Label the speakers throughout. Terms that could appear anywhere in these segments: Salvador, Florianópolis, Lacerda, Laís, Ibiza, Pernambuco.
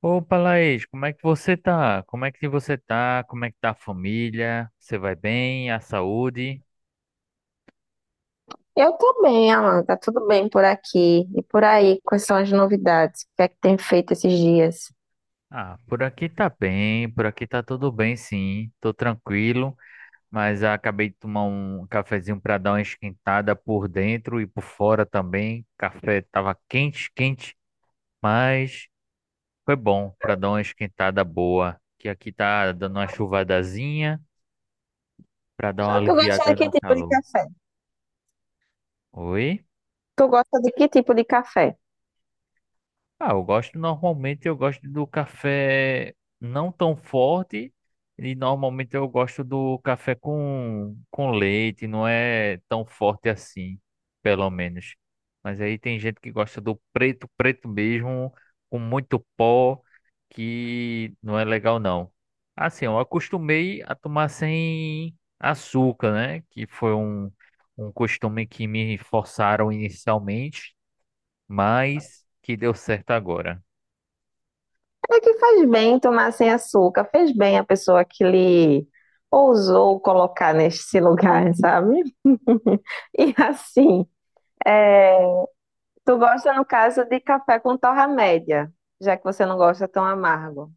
Speaker 1: Opa, Laís, como é que você tá? Como é que você tá? Como é que tá a família? Você vai bem? A saúde?
Speaker 2: Eu tô bem, Alan, tá tudo bem por aqui. E por aí, quais são as novidades? O que é que tem feito esses dias?
Speaker 1: Ah, por aqui tá bem, por aqui tá tudo bem, sim. Tô tranquilo, mas acabei de tomar um cafezinho pra dar uma esquentada por dentro e por fora também. Café tava quente, quente, mas foi bom pra dar uma esquentada boa. Que aqui tá dando uma chuvadazinha pra dar uma
Speaker 2: Tu gosta de
Speaker 1: aliviada
Speaker 2: que
Speaker 1: no
Speaker 2: tipo de
Speaker 1: calor.
Speaker 2: café?
Speaker 1: Oi?
Speaker 2: Tu gosta de que tipo de café?
Speaker 1: Ah, eu gosto normalmente, eu gosto do café não tão forte e normalmente eu gosto do café com leite, não é tão forte assim, pelo menos. Mas aí tem gente que gosta do preto, preto mesmo, com muito pó, que não é legal não. Assim, eu acostumei a tomar sem açúcar, né? Que foi um costume que me forçaram inicialmente, mas que deu certo agora.
Speaker 2: É que faz bem tomar sem açúcar, fez bem a pessoa que lhe ousou colocar nesse lugar, sabe? E assim, é, tu gosta, no caso, de café com torra média, já que você não gosta tão amargo.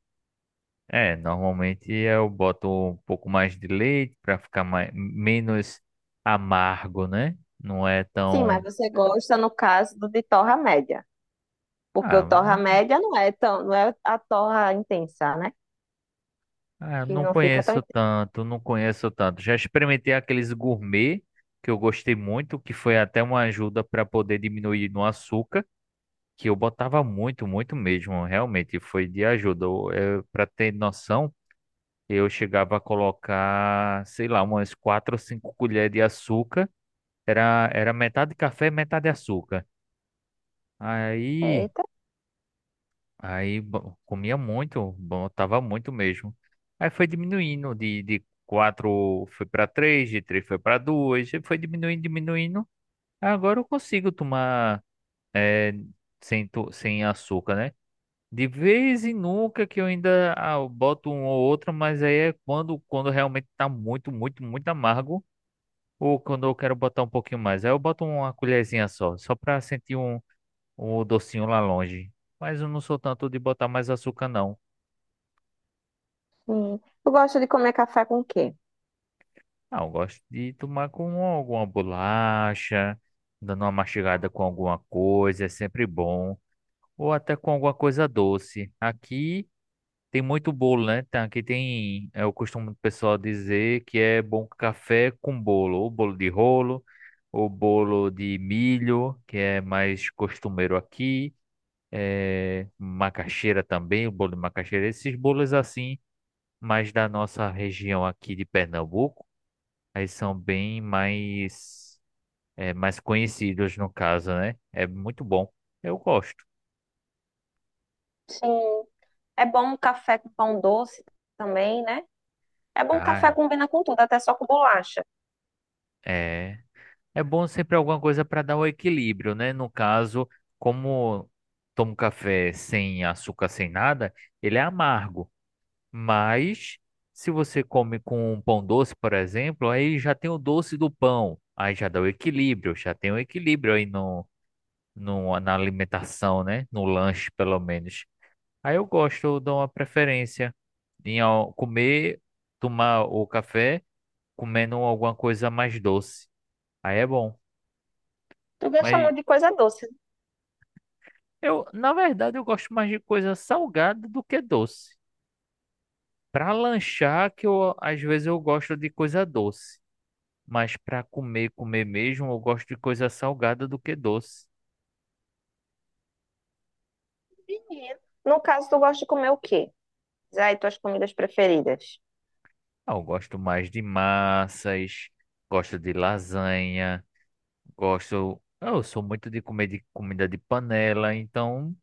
Speaker 1: É, normalmente eu boto um pouco mais de leite para ficar mais, menos amargo, né? Não é
Speaker 2: Sim, mas
Speaker 1: tão.
Speaker 2: você gosta, no caso, do de torra média. Porque o
Speaker 1: Ah,
Speaker 2: torra
Speaker 1: não,
Speaker 2: média não é a torra intensa, né?
Speaker 1: ah,
Speaker 2: Que
Speaker 1: não
Speaker 2: não fica tão
Speaker 1: conheço
Speaker 2: intensa.
Speaker 1: tanto, não conheço tanto. Já experimentei aqueles gourmet que eu gostei muito, que foi até uma ajuda para poder diminuir no açúcar, que eu botava muito, muito mesmo. Realmente foi de ajuda. Para ter noção, eu chegava a colocar, sei lá, umas quatro ou cinco colheres de açúcar. Era, era metade café, metade açúcar. Aí,
Speaker 2: Eita,
Speaker 1: comia muito, botava muito mesmo. Aí foi diminuindo de quatro foi para três, de três foi para duas, e foi diminuindo, diminuindo. Agora eu consigo tomar eh, sem açúcar, né? De vez em nunca que eu ainda eu boto um ou outro, mas aí é quando, quando realmente tá muito, muito, muito amargo. Ou quando eu quero botar um pouquinho mais. Aí eu boto uma colherzinha só, só para sentir um o docinho lá longe. Mas eu não sou tanto de botar mais açúcar, não.
Speaker 2: sim. Eu gosto de comer café com o quê?
Speaker 1: Ah, eu gosto de tomar com alguma bolacha, dando uma mastigada com alguma coisa, é sempre bom. Ou até com alguma coisa doce. Aqui tem muito bolo, né? Tá, aqui tem, é o costume do pessoal dizer que é bom café com bolo, ou bolo de rolo, ou bolo de milho, que é mais costumeiro aqui. É, macaxeira também, o bolo de macaxeira, esses bolos assim, mas da nossa região aqui de Pernambuco, eles são bem mais, é, mais conhecidos no caso, né? É muito bom. Eu gosto.
Speaker 2: Sim. É bom um café com pão doce também, né? É bom, café
Speaker 1: Ah,
Speaker 2: combina com tudo, até só com bolacha.
Speaker 1: é. É bom sempre alguma coisa para dar um equilíbrio, né? No caso, como tomo café sem açúcar, sem nada, ele é amargo. Mas se você come com um pão doce, por exemplo, aí já tem o doce do pão. Aí já dá o equilíbrio, já tem o equilíbrio aí no, na alimentação, né? No lanche, pelo menos. Aí eu gosto, eu dou uma preferência em ó, comer, tomar o café comendo alguma coisa mais doce. Aí é bom.
Speaker 2: Tu gosta
Speaker 1: Mas
Speaker 2: muito de coisa doce.
Speaker 1: eu, na verdade, eu gosto mais de coisa salgada do que doce. Para lanchar, que eu, às vezes eu gosto de coisa doce. Mas para comer, comer mesmo, eu gosto de coisa salgada do que doce.
Speaker 2: Menino. No caso, tu gosta de comer o quê? Diz aí tuas comidas preferidas.
Speaker 1: Ah, eu gosto mais de massas, gosto de lasanha. Gosto. Eu sou muito de comer de comida de panela, então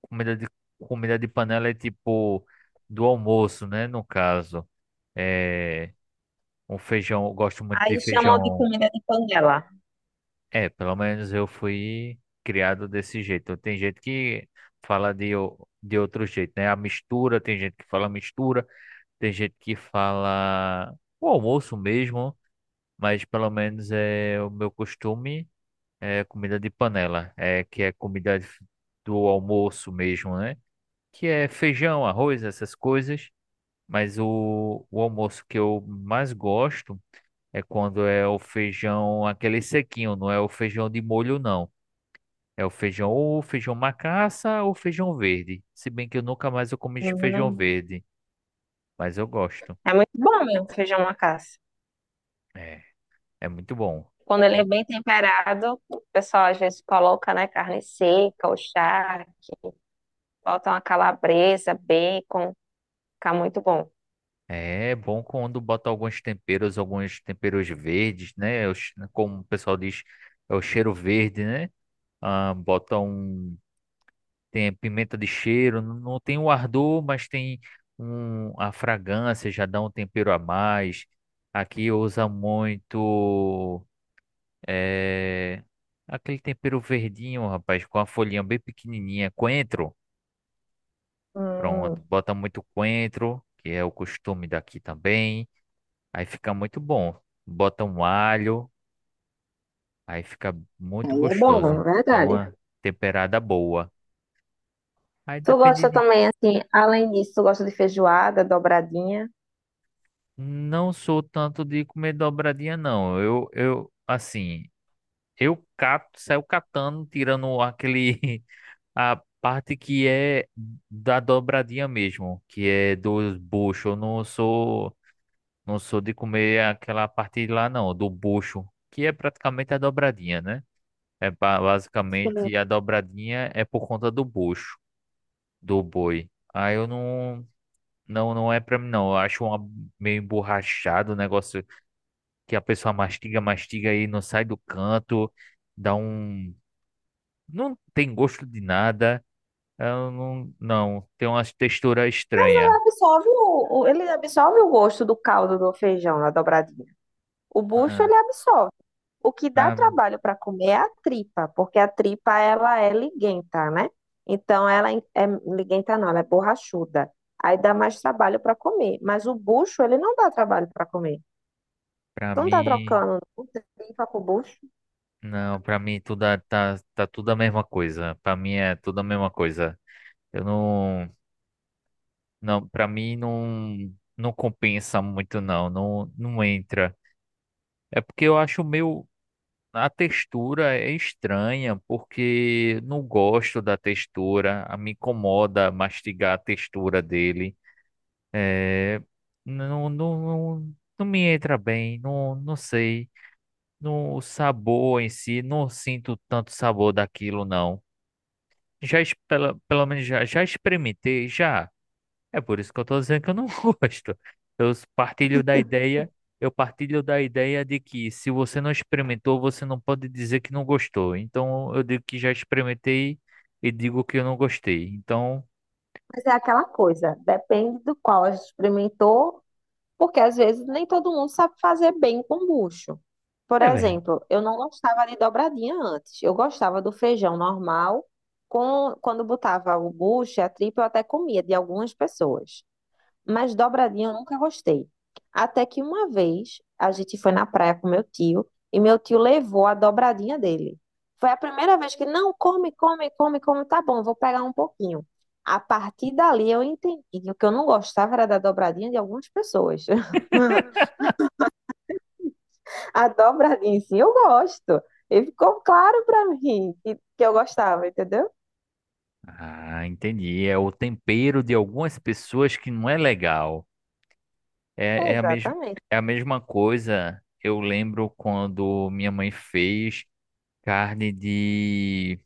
Speaker 1: comida de comida de panela é tipo do almoço, né? No caso, é um feijão. Eu Gosto muito
Speaker 2: Aí
Speaker 1: de
Speaker 2: chamam de
Speaker 1: feijão.
Speaker 2: comida de panela.
Speaker 1: É, pelo menos eu fui criado desse jeito. Tem gente que fala de outro jeito, né? A mistura, tem gente que fala mistura, tem gente que fala o almoço mesmo, mas pelo menos é o meu costume. É comida de panela, é que é do almoço mesmo, né? Que é feijão, arroz, essas coisas. Mas o almoço que eu mais gosto é quando é o feijão, aquele sequinho, não é o feijão de molho, não. É o feijão ou feijão macaça ou feijão verde. Se bem que eu nunca mais eu comi feijão
Speaker 2: Hum,
Speaker 1: verde, mas eu gosto.
Speaker 2: é muito bom mesmo, feijão macaça.
Speaker 1: É, é muito bom.
Speaker 2: Quando ele é bem temperado, o pessoal às vezes coloca, né, carne seca ou charque, bota uma calabresa, bacon, fica muito bom.
Speaker 1: É bom quando bota alguns temperos verdes, né? É Como o pessoal diz, é o cheiro verde, né? Ah, bota um. Tem pimenta de cheiro, não tem o ardor, mas tem um, a fragrância, já dá um tempero a mais. Aqui usa muito. É, aquele tempero verdinho, rapaz, com a folhinha bem pequenininha. Coentro,
Speaker 2: Hum,
Speaker 1: pronto, bota muito coentro, que é o costume daqui também. Aí fica muito bom. Bota um alho, aí fica muito
Speaker 2: aí é bom, é
Speaker 1: gostoso. Dá
Speaker 2: verdade.
Speaker 1: uma temperada boa. Aí
Speaker 2: Tu
Speaker 1: depende
Speaker 2: gosta
Speaker 1: de...
Speaker 2: também, assim, além disso, tu gosta de feijoada, dobradinha?
Speaker 1: Não sou tanto de comer dobradinha, não. Assim, eu cato, saio catando, tirando aquele... A parte que é da dobradinha mesmo, que é dos buchos. Eu não sou, não sou de comer aquela parte lá, não, do bucho, que é praticamente a dobradinha, né? É basicamente
Speaker 2: Sim.
Speaker 1: a dobradinha é por conta do bucho, do boi. Aí eu não, não, não é pra mim não. Eu acho uma, meio emborrachado o negócio que a pessoa mastiga, mastiga e não sai do canto, dá um, não tem gosto de nada. Eu não, não, tem uma textura
Speaker 2: Mas
Speaker 1: estranha.
Speaker 2: ele absorve ele absorve o gosto do caldo do feijão na dobradinha. O bucho
Speaker 1: Ah,
Speaker 2: ele absorve. O que dá
Speaker 1: Pra,
Speaker 2: trabalho para comer é a tripa, porque a tripa ela é liguenta, né? Então ela é liguenta não, ela é borrachuda. Aí dá mais trabalho para comer, mas o bucho ele não dá trabalho para comer.
Speaker 1: pra
Speaker 2: Tu não tá
Speaker 1: mim,
Speaker 2: trocando o tripa com o bucho,
Speaker 1: não, pra mim tá tudo a mesma coisa. Pra mim é tudo a mesma coisa. Eu não. Não, para mim não compensa muito não, não entra. É porque eu acho meio a textura é estranha, porque não gosto da textura, me incomoda mastigar a textura dele. É, não, não, não me entra bem, não, não sei. No, o sabor em si, não sinto tanto sabor daquilo não. Pela, pelo menos já, já experimentei, já. É por isso que eu tô dizendo que eu não gosto. Eu partilho da ideia, eu partilho da ideia de que se você não experimentou, você não pode dizer que não gostou. Então eu digo que já experimentei e digo que eu não gostei. Então,
Speaker 2: mas é aquela coisa, depende do qual a gente experimentou. Porque às vezes nem todo mundo sabe fazer bem com bucho. Por
Speaker 1: é verdade.
Speaker 2: exemplo, eu não gostava de dobradinha antes. Eu gostava do feijão normal, com, quando botava o bucho e a tripa, eu até comia de algumas pessoas. Mas dobradinha eu nunca gostei. Até que uma vez a gente foi na praia com meu tio e meu tio levou a dobradinha dele. Foi a primeira vez que, não, come, come, come, come, tá bom, vou pegar um pouquinho. A partir dali eu entendi que o que eu não gostava era da dobradinha de algumas pessoas. A dobradinha em si eu gosto. E ficou claro pra mim que eu gostava, entendeu?
Speaker 1: Ah, entendi. É o tempero de algumas pessoas que não é legal. É, é a mes
Speaker 2: Exatamente.
Speaker 1: é a mesma coisa. Eu lembro quando minha mãe fez carne de.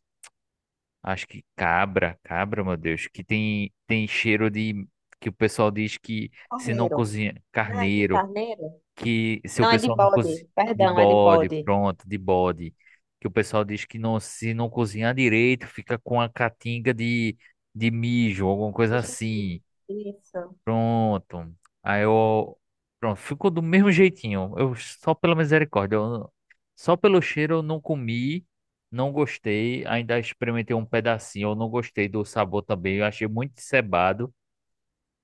Speaker 1: Acho que cabra, cabra, meu Deus, que tem, tem cheiro de. Que o pessoal diz que se não
Speaker 2: Carneiro,
Speaker 1: cozinha.
Speaker 2: né? De
Speaker 1: Carneiro,
Speaker 2: carneiro?
Speaker 1: que se o
Speaker 2: Não, é de
Speaker 1: pessoal não cozinha.
Speaker 2: bode.
Speaker 1: De
Speaker 2: Perdão, é de
Speaker 1: bode,
Speaker 2: bode.
Speaker 1: pronto, de bode. Que o pessoal diz que não, se não cozinhar direito, fica com a catinga de mijo, alguma coisa
Speaker 2: Xixi.
Speaker 1: assim.
Speaker 2: Isso.
Speaker 1: Pronto. Aí eu. Pronto, ficou do mesmo jeitinho. Eu só pela misericórdia. Só pelo cheiro eu não comi, não gostei. Ainda experimentei um pedacinho. Eu não gostei do sabor também. Eu achei muito cebado.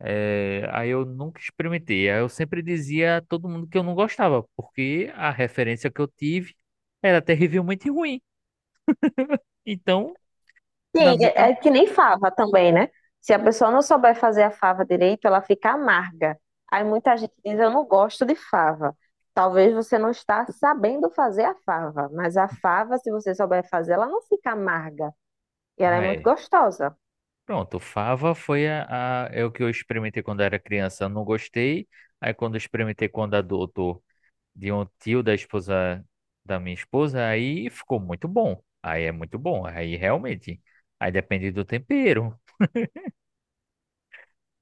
Speaker 1: É, aí eu nunca experimentei. Aí eu sempre dizia a todo mundo que eu não gostava, porque a referência que eu tive era terrivelmente ruim. Então, na
Speaker 2: Sim,
Speaker 1: minha
Speaker 2: é que nem fava também, né? Se a pessoa não souber fazer a fava direito, ela fica amarga. Aí muita gente diz, eu não gosto de fava. Talvez você não está sabendo fazer a fava, mas a fava, se você souber fazer, ela não fica amarga. E ela é muito
Speaker 1: cabeça.
Speaker 2: gostosa.
Speaker 1: Pronto, fava foi é o que eu experimentei quando era criança, não gostei. Aí quando eu experimentei quando adulto de um tio da esposa da minha esposa, aí ficou muito bom. Aí é muito bom, aí realmente. Aí depende do tempero,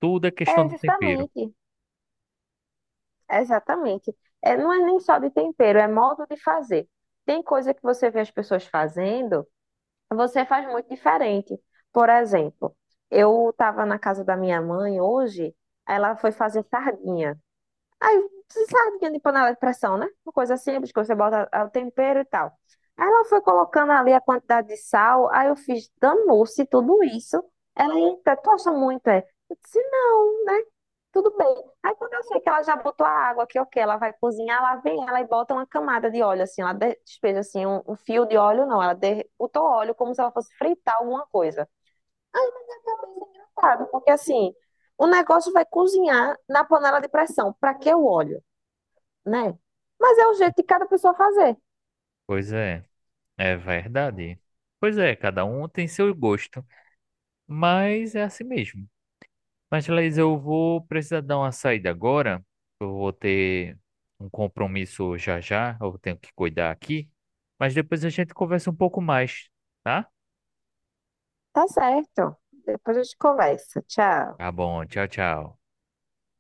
Speaker 1: tudo é questão
Speaker 2: É,
Speaker 1: do tempero.
Speaker 2: justamente, exatamente. É, não é nem só de tempero, é modo de fazer. Tem coisa que você vê as pessoas fazendo, você faz muito diferente. Por exemplo, eu estava na casa da minha mãe hoje, ela foi fazer sardinha. Aí, você sabe que é de panela de pressão, né? Uma coisa simples que você bota ah, o tempero e tal. Aí ela foi colocando ali a quantidade de sal, aí eu fiz, danou-se tudo isso. Ela, eita, tu acha muito, é? Eu disse, não, né? Tudo bem. Aí quando eu sei que ela já botou a água, que ok, ela vai cozinhar, lá vem ela e bota uma camada de óleo, assim, ela despeja, assim, um fio de óleo, não, ela botou óleo como se ela fosse fritar alguma coisa. Sabe? Porque assim, o negócio vai cozinhar na panela de pressão. Pra que o óleo? Né? Mas é um jeito de cada pessoa fazer.
Speaker 1: Pois é, é verdade. Pois é, cada um tem seu gosto, mas é assim mesmo. Mas, Laís, eu vou precisar dar uma saída agora. Eu vou ter um compromisso já já. Eu tenho que cuidar aqui. Mas depois a gente conversa um pouco mais, tá?
Speaker 2: Tá certo. Depois a gente conversa. Tchau.
Speaker 1: Tá bom. Tchau, tchau.